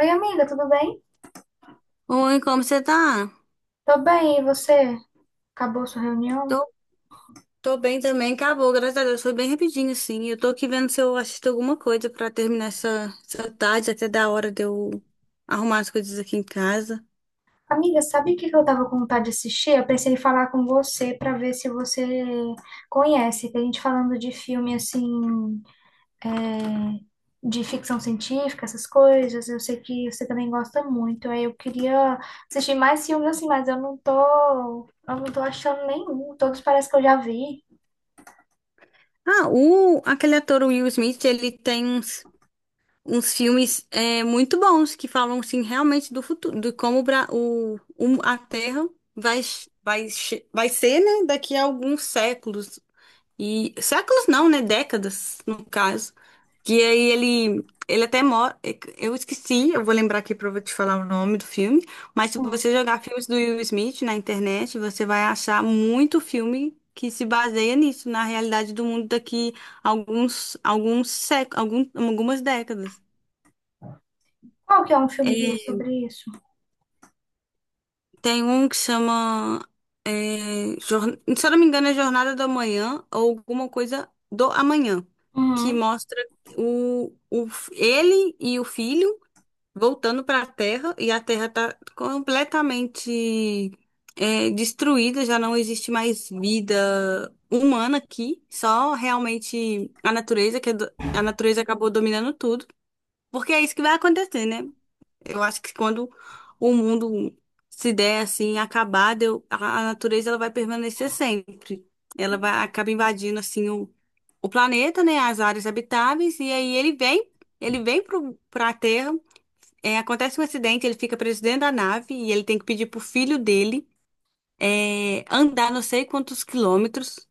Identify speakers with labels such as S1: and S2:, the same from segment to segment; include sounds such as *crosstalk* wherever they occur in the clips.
S1: Oi, amiga, tudo bem?
S2: Oi, como você tá?
S1: Tô bem, e você? Acabou sua reunião?
S2: Tô, tô bem também, acabou, graças a Deus, foi bem rapidinho, assim. Eu tô aqui vendo se eu assisto alguma coisa pra terminar essa tarde, até da hora de eu arrumar as coisas aqui em casa.
S1: Amiga, sabe o que que eu tava com vontade de assistir? Eu pensei em falar com você pra ver se você conhece. Que a gente falando de filme assim, de ficção científica, essas coisas, eu sei que você também gosta muito. Aí eu queria assistir mais filmes assim, mas eu não tô achando nenhum. Todos parece que eu já vi.
S2: Aquele ator o Will Smith, ele tem uns filmes muito bons que falam, assim, realmente do futuro, de como o, Bra- o- a Terra vai, vai, vai ser, né, daqui a alguns séculos. E séculos não, né? Décadas, no caso. Que ele até mora. Eu esqueci, eu vou lembrar aqui pra eu te falar o nome do filme. Mas se
S1: Hum.
S2: você jogar filmes do Will Smith na internet, você vai achar muito filme que se baseia nisso, na realidade do mundo daqui alguns séculos, algumas décadas.
S1: Qual que é um filme dele
S2: É,
S1: sobre isso?
S2: Tem um que chama. Se eu não me engano, é Jornada do Amanhã ou alguma coisa do amanhã, que
S1: Uhum.
S2: mostra ele e o filho voltando para a Terra, e a Terra está completamente destruída, já não existe mais vida humana aqui, só realmente a natureza, a natureza acabou dominando tudo, porque é isso que vai acontecer, né? Eu acho que quando o mundo se der assim, acabado, a natureza ela vai permanecer sempre. Ela vai, acaba invadindo assim o planeta, né, as áreas habitáveis, e aí ele vem para a Terra, acontece um acidente, ele fica preso dentro da nave e ele tem que pedir pro filho dele andar não sei quantos quilômetros,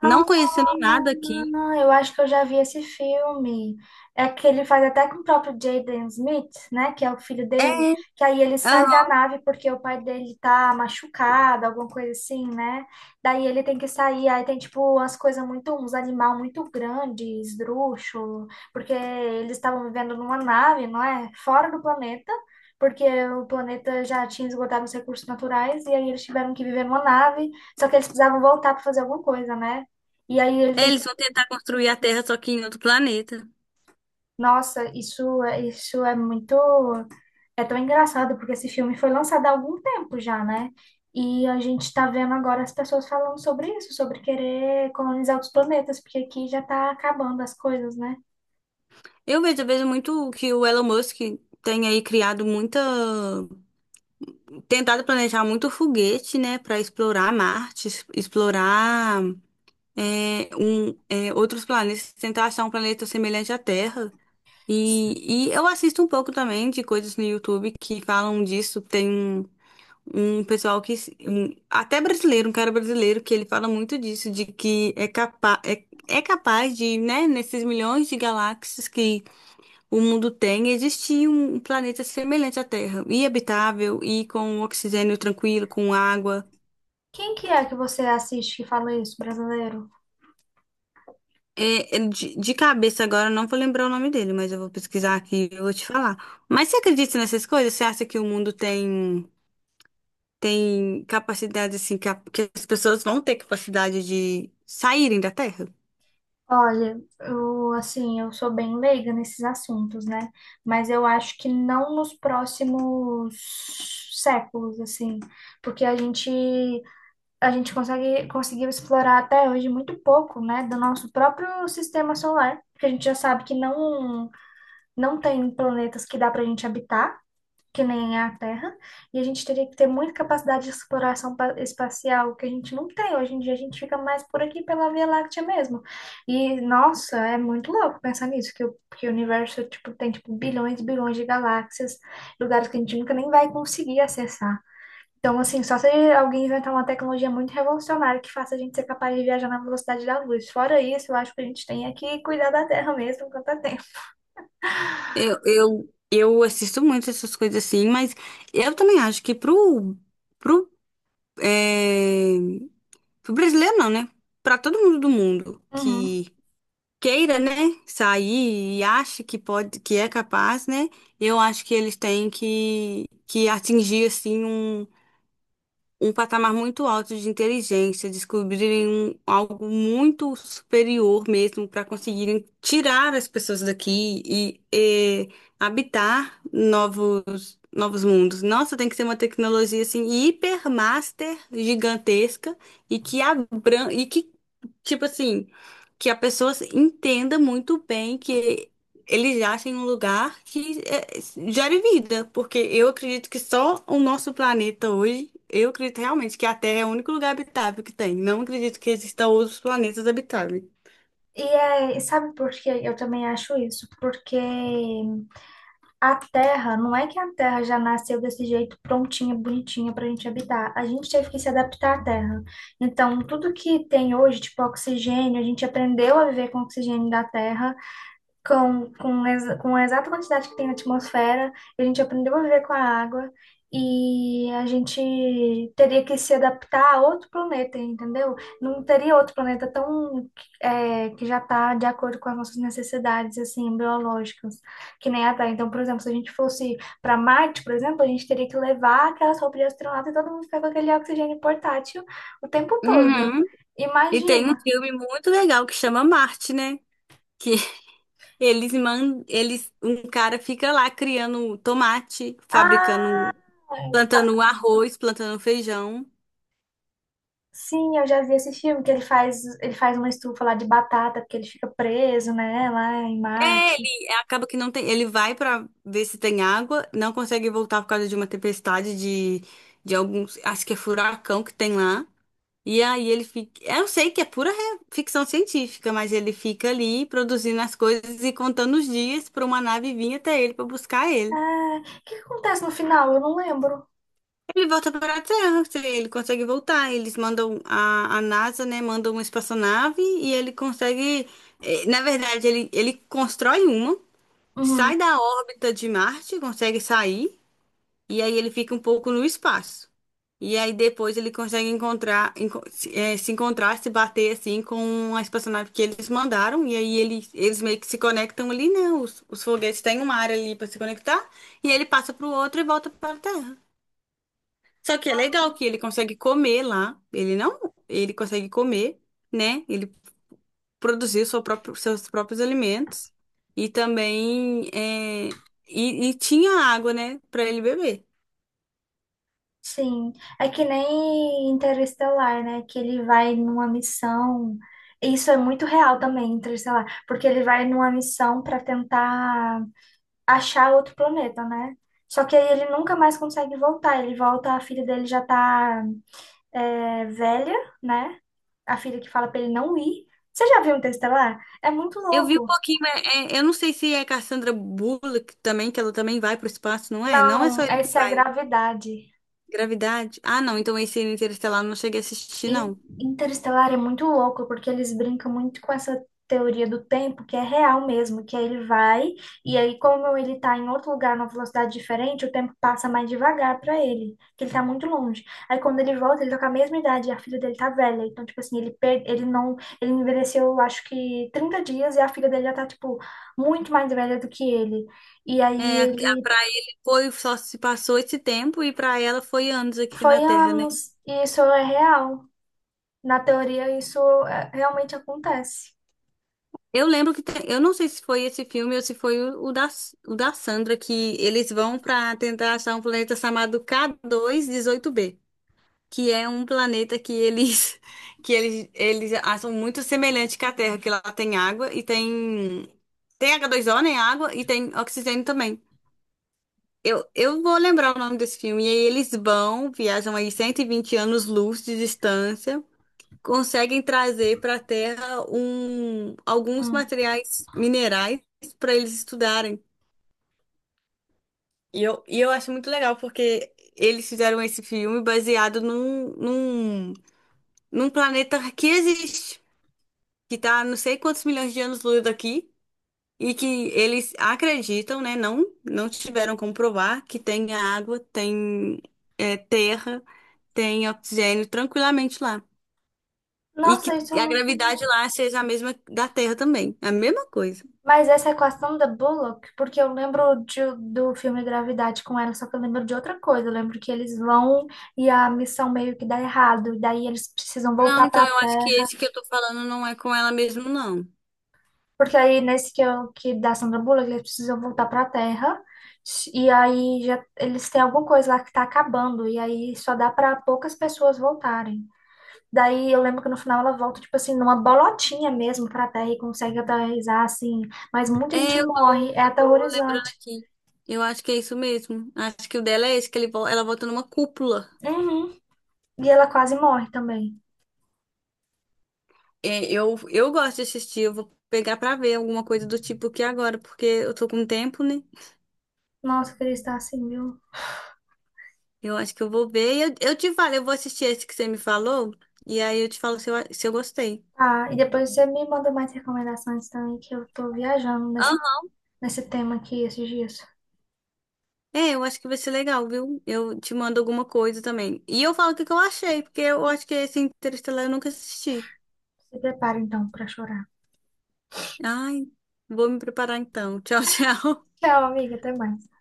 S1: Ah,
S2: não conhecendo nada aqui.
S1: eu acho que eu já vi esse filme. É que ele faz até com o próprio Jaden Smith, né? Que é o filho dele.
S2: É,
S1: Que aí ele sai da
S2: aham.
S1: nave porque o pai dele tá machucado, alguma coisa assim, né? Daí ele tem que sair. Aí tem, tipo, umas coisas muito... Uns animal muito grandes, esdrúxulo. Porque eles estavam vivendo numa nave, não é? Fora do planeta. Porque o planeta já tinha esgotado os recursos naturais. E aí eles tiveram que viver numa nave. Só que eles precisavam voltar para fazer alguma coisa, né? E aí ele
S2: É,
S1: tem que...
S2: eles vão tentar construir a Terra, só que em outro planeta.
S1: Nossa, isso, isso é muito... É tão engraçado, porque esse filme foi lançado há algum tempo já, né? E a gente tá vendo agora as pessoas falando sobre isso, sobre querer colonizar outros planetas, porque aqui já tá acabando as coisas, né?
S2: Eu vejo muito que o Elon Musk tem aí criado muita, tentado planejar muito foguete, né, para explorar Marte, explorar outros planetas, tentar achar um planeta semelhante à Terra. E eu assisto um pouco também de coisas no YouTube que falam disso. Tem um, um pessoal que, até brasileiro, um cara brasileiro, que ele fala muito disso, de que é, capaz, é, é capaz de, né, nesses milhões de galáxias que o mundo tem, existia um planeta semelhante à Terra, e habitável, e com oxigênio tranquilo, com água.
S1: Quem que é que você assiste que fala isso, brasileiro?
S2: De cabeça agora eu não vou lembrar o nome dele, mas eu vou pesquisar aqui e eu vou te falar. Mas você acredita nessas coisas? Você acha que tem capacidade, assim, que as pessoas vão ter capacidade de saírem da Terra?
S1: Olha, eu, assim, eu sou bem leiga nesses assuntos, né? Mas eu acho que não nos próximos séculos, assim, porque a gente consegue, conseguiu explorar até hoje muito pouco, né, do nosso próprio sistema solar, porque a gente já sabe que não tem planetas que dá para a gente habitar, que nem a Terra, e a gente teria que ter muita capacidade de exploração pa- espacial, que a gente não tem. Hoje em dia a gente fica mais por aqui pela Via Láctea mesmo. E, nossa, é muito louco pensar nisso, que que o universo, tipo, tem, tipo, bilhões e bilhões de galáxias, lugares que a gente nunca nem vai conseguir acessar. Então, assim, só se alguém inventar uma tecnologia muito revolucionária que faça a gente ser capaz de viajar na velocidade da luz. Fora isso, eu acho que a gente tem é que cuidar da Terra mesmo enquanto há tempo.
S2: Eu assisto muito essas coisas assim, mas eu também acho que pro, é, pro brasileiro não, né? Pra todo mundo do mundo
S1: Uhum.
S2: que queira, né, sair e acha que pode, que é capaz, né? Eu acho que eles têm que atingir assim um um patamar muito alto de inteligência, descobrirem algo muito superior mesmo para conseguirem tirar as pessoas daqui e, habitar novos mundos. Nossa, tem que ser uma tecnologia assim hipermaster gigantesca e que abran e que tipo assim, que a pessoa entenda muito bem que eles acham um lugar gere vida, porque eu acredito que só o nosso planeta hoje, eu acredito realmente que a Terra é o único lugar habitável que tem. Não acredito que existam outros planetas habitáveis.
S1: E é, e sabe por que eu também acho isso? Porque a Terra, não é que a Terra já nasceu desse jeito prontinha, bonitinha pra gente habitar. A gente teve que se adaptar à Terra. Então, tudo que tem hoje, tipo oxigênio, a gente aprendeu a viver com oxigênio da Terra. Com a exata quantidade que tem na atmosfera, a gente aprendeu a viver com a água e a gente teria que se adaptar a outro planeta, entendeu? Não teria outro planeta tão é, que já está de acordo com as nossas necessidades assim biológicas, que nem a Terra. Então, por exemplo, se a gente fosse para Marte, por exemplo, a gente teria que levar aquelas roupas de astronauta e todo mundo ficar com aquele oxigênio portátil o tempo todo.
S2: Uhum. E tem um
S1: Imagina.
S2: filme muito legal que chama Marte, né? Que *laughs* um cara fica lá criando tomate, fabricando,
S1: Ah,
S2: plantando arroz, plantando feijão.
S1: sim, eu já vi esse filme que ele faz uma estufa lá de batata, porque ele fica preso, né, lá em Marte.
S2: Acaba que não tem. Ele vai pra ver se tem água, não consegue voltar por causa de uma tempestade de alguns. Acho que é furacão que tem lá. E aí ele fica. Eu sei que é pura ficção científica, mas ele fica ali produzindo as coisas e contando os dias pra uma nave vir até ele pra buscar ele.
S1: Ah, o que que acontece no final? Eu não lembro.
S2: Ele volta para a Terra, se ele consegue voltar. Eles mandam a NASA, né? Manda uma espaçonave e ele consegue. Na verdade, ele constrói uma.
S1: Uhum,
S2: Sai da órbita de Marte, consegue sair, e aí ele fica um pouco no espaço. E aí depois ele consegue encontrar, enco- se eh, se encontrar, se bater assim com a espaçonave que eles mandaram, e aí ele, eles meio que se conectam ali, né? Os foguetes têm uma área ali para se conectar, e aí ele passa para o outro e volta para a Terra. Só que é legal que ele consegue comer lá, ele não, ele consegue comer, né? Ele Produzir seus próprios alimentos e também e tinha água, né, para ele beber.
S1: sim. É que nem Interestelar, né, que ele vai numa missão. Isso é muito real também, Interestelar, porque ele vai numa missão para tentar achar outro planeta, né? Só que aí ele nunca mais consegue voltar. Ele volta, a filha dele já tá, é, velha, né? A filha que fala pra ele não ir. Você já viu um texto lá? É muito
S2: Eu vi um
S1: louco.
S2: pouquinho, mas eu não sei se é Cassandra Bullock também, que ela também vai pro espaço, não é? Não é só
S1: Não,
S2: ele que
S1: essa é a
S2: vai.
S1: gravidade.
S2: Gravidade? Ah, não, então esse Interestelar eu não cheguei a assistir,
S1: In-
S2: não.
S1: Interestelar é muito louco, porque eles brincam muito com essa teoria do tempo, que é real mesmo, que aí ele vai, e aí como ele tá em outro lugar, numa velocidade diferente, o tempo passa mais devagar pra ele, que ele tá muito longe. Aí quando ele volta, ele tá com a mesma idade, e a filha dele tá velha, então, tipo assim, ele, per- ele não, ele envelheceu, acho que 30 dias, e a filha dele já tá, tipo, muito mais velha do que ele. E aí
S2: É,
S1: ele
S2: pra ele foi, só se passou esse tempo, e pra ela foi anos aqui
S1: foi
S2: na Terra, né?
S1: anos, e isso é real. Na teoria, isso é, realmente acontece.
S2: Eu lembro que eu não sei se foi esse filme ou se foi o da Sandra, que eles vão para tentar achar um planeta chamado K2-18b, que é um planeta que eles *laughs* que eles acham muito semelhante com a Terra, que lá tem água e tem H2O, né, água, e tem oxigênio também. Eu vou lembrar o nome desse filme. E aí eles vão, viajam aí 120 anos-luz de distância, conseguem trazer para a Terra um, alguns materiais minerais para eles estudarem. E eu acho muito legal, porque eles fizeram esse filme baseado num planeta que existe, que está não sei quantos milhões de anos-luz daqui, e que eles acreditam, né? Não, não tiveram como provar que tem água, tem terra, tem oxigênio tranquilamente lá. E que
S1: Nossa, isso eu
S2: a
S1: não sei.
S2: gravidade lá seja a mesma da Terra também. É a mesma coisa.
S1: Mas essa equação da Bullock, porque eu lembro de- do filme Gravidade com ela, só que eu lembro de outra coisa. Eu lembro que eles vão e a missão meio que dá errado, e daí eles precisam
S2: Não,
S1: voltar
S2: então
S1: para a
S2: eu acho que
S1: Terra.
S2: esse que eu tô falando não é com ela mesmo, não.
S1: Porque aí nesse que, eu, que da Sandra Bullock, eles precisam voltar para a Terra, e aí já, eles têm alguma coisa lá que tá acabando, e aí só dá para poucas pessoas voltarem. Daí eu lembro que no final ela volta, tipo assim, numa bolotinha mesmo pra terra e consegue aterrissar, assim. Mas muita gente
S2: É,
S1: morre, é
S2: eu tô lembrando
S1: aterrorizante.
S2: aqui. Eu acho que é isso mesmo. Acho que o dela é esse, que ela volta numa cúpula.
S1: Uhum. E ela quase morre também.
S2: É, eu gosto de assistir, eu vou pegar pra ver alguma coisa do tipo aqui agora, porque eu tô com tempo, né?
S1: Nossa, eu queria estar assim, viu?
S2: Eu acho que eu vou ver. E eu te falo, eu vou assistir esse que você me falou, e aí eu te falo se se eu gostei.
S1: Ah, e depois você me manda mais recomendações também, que eu tô viajando
S2: Aham.
S1: nesse tema aqui esses dias.
S2: É, eu acho que vai ser legal, viu? Eu te mando alguma coisa também. E eu falo o que que eu achei, porque eu acho que esse Interestelar eu nunca assisti.
S1: Se prepara então pra chorar.
S2: Ai, vou me preparar então. *laughs* Tchau, tchau.
S1: Tchau, amiga, até mais.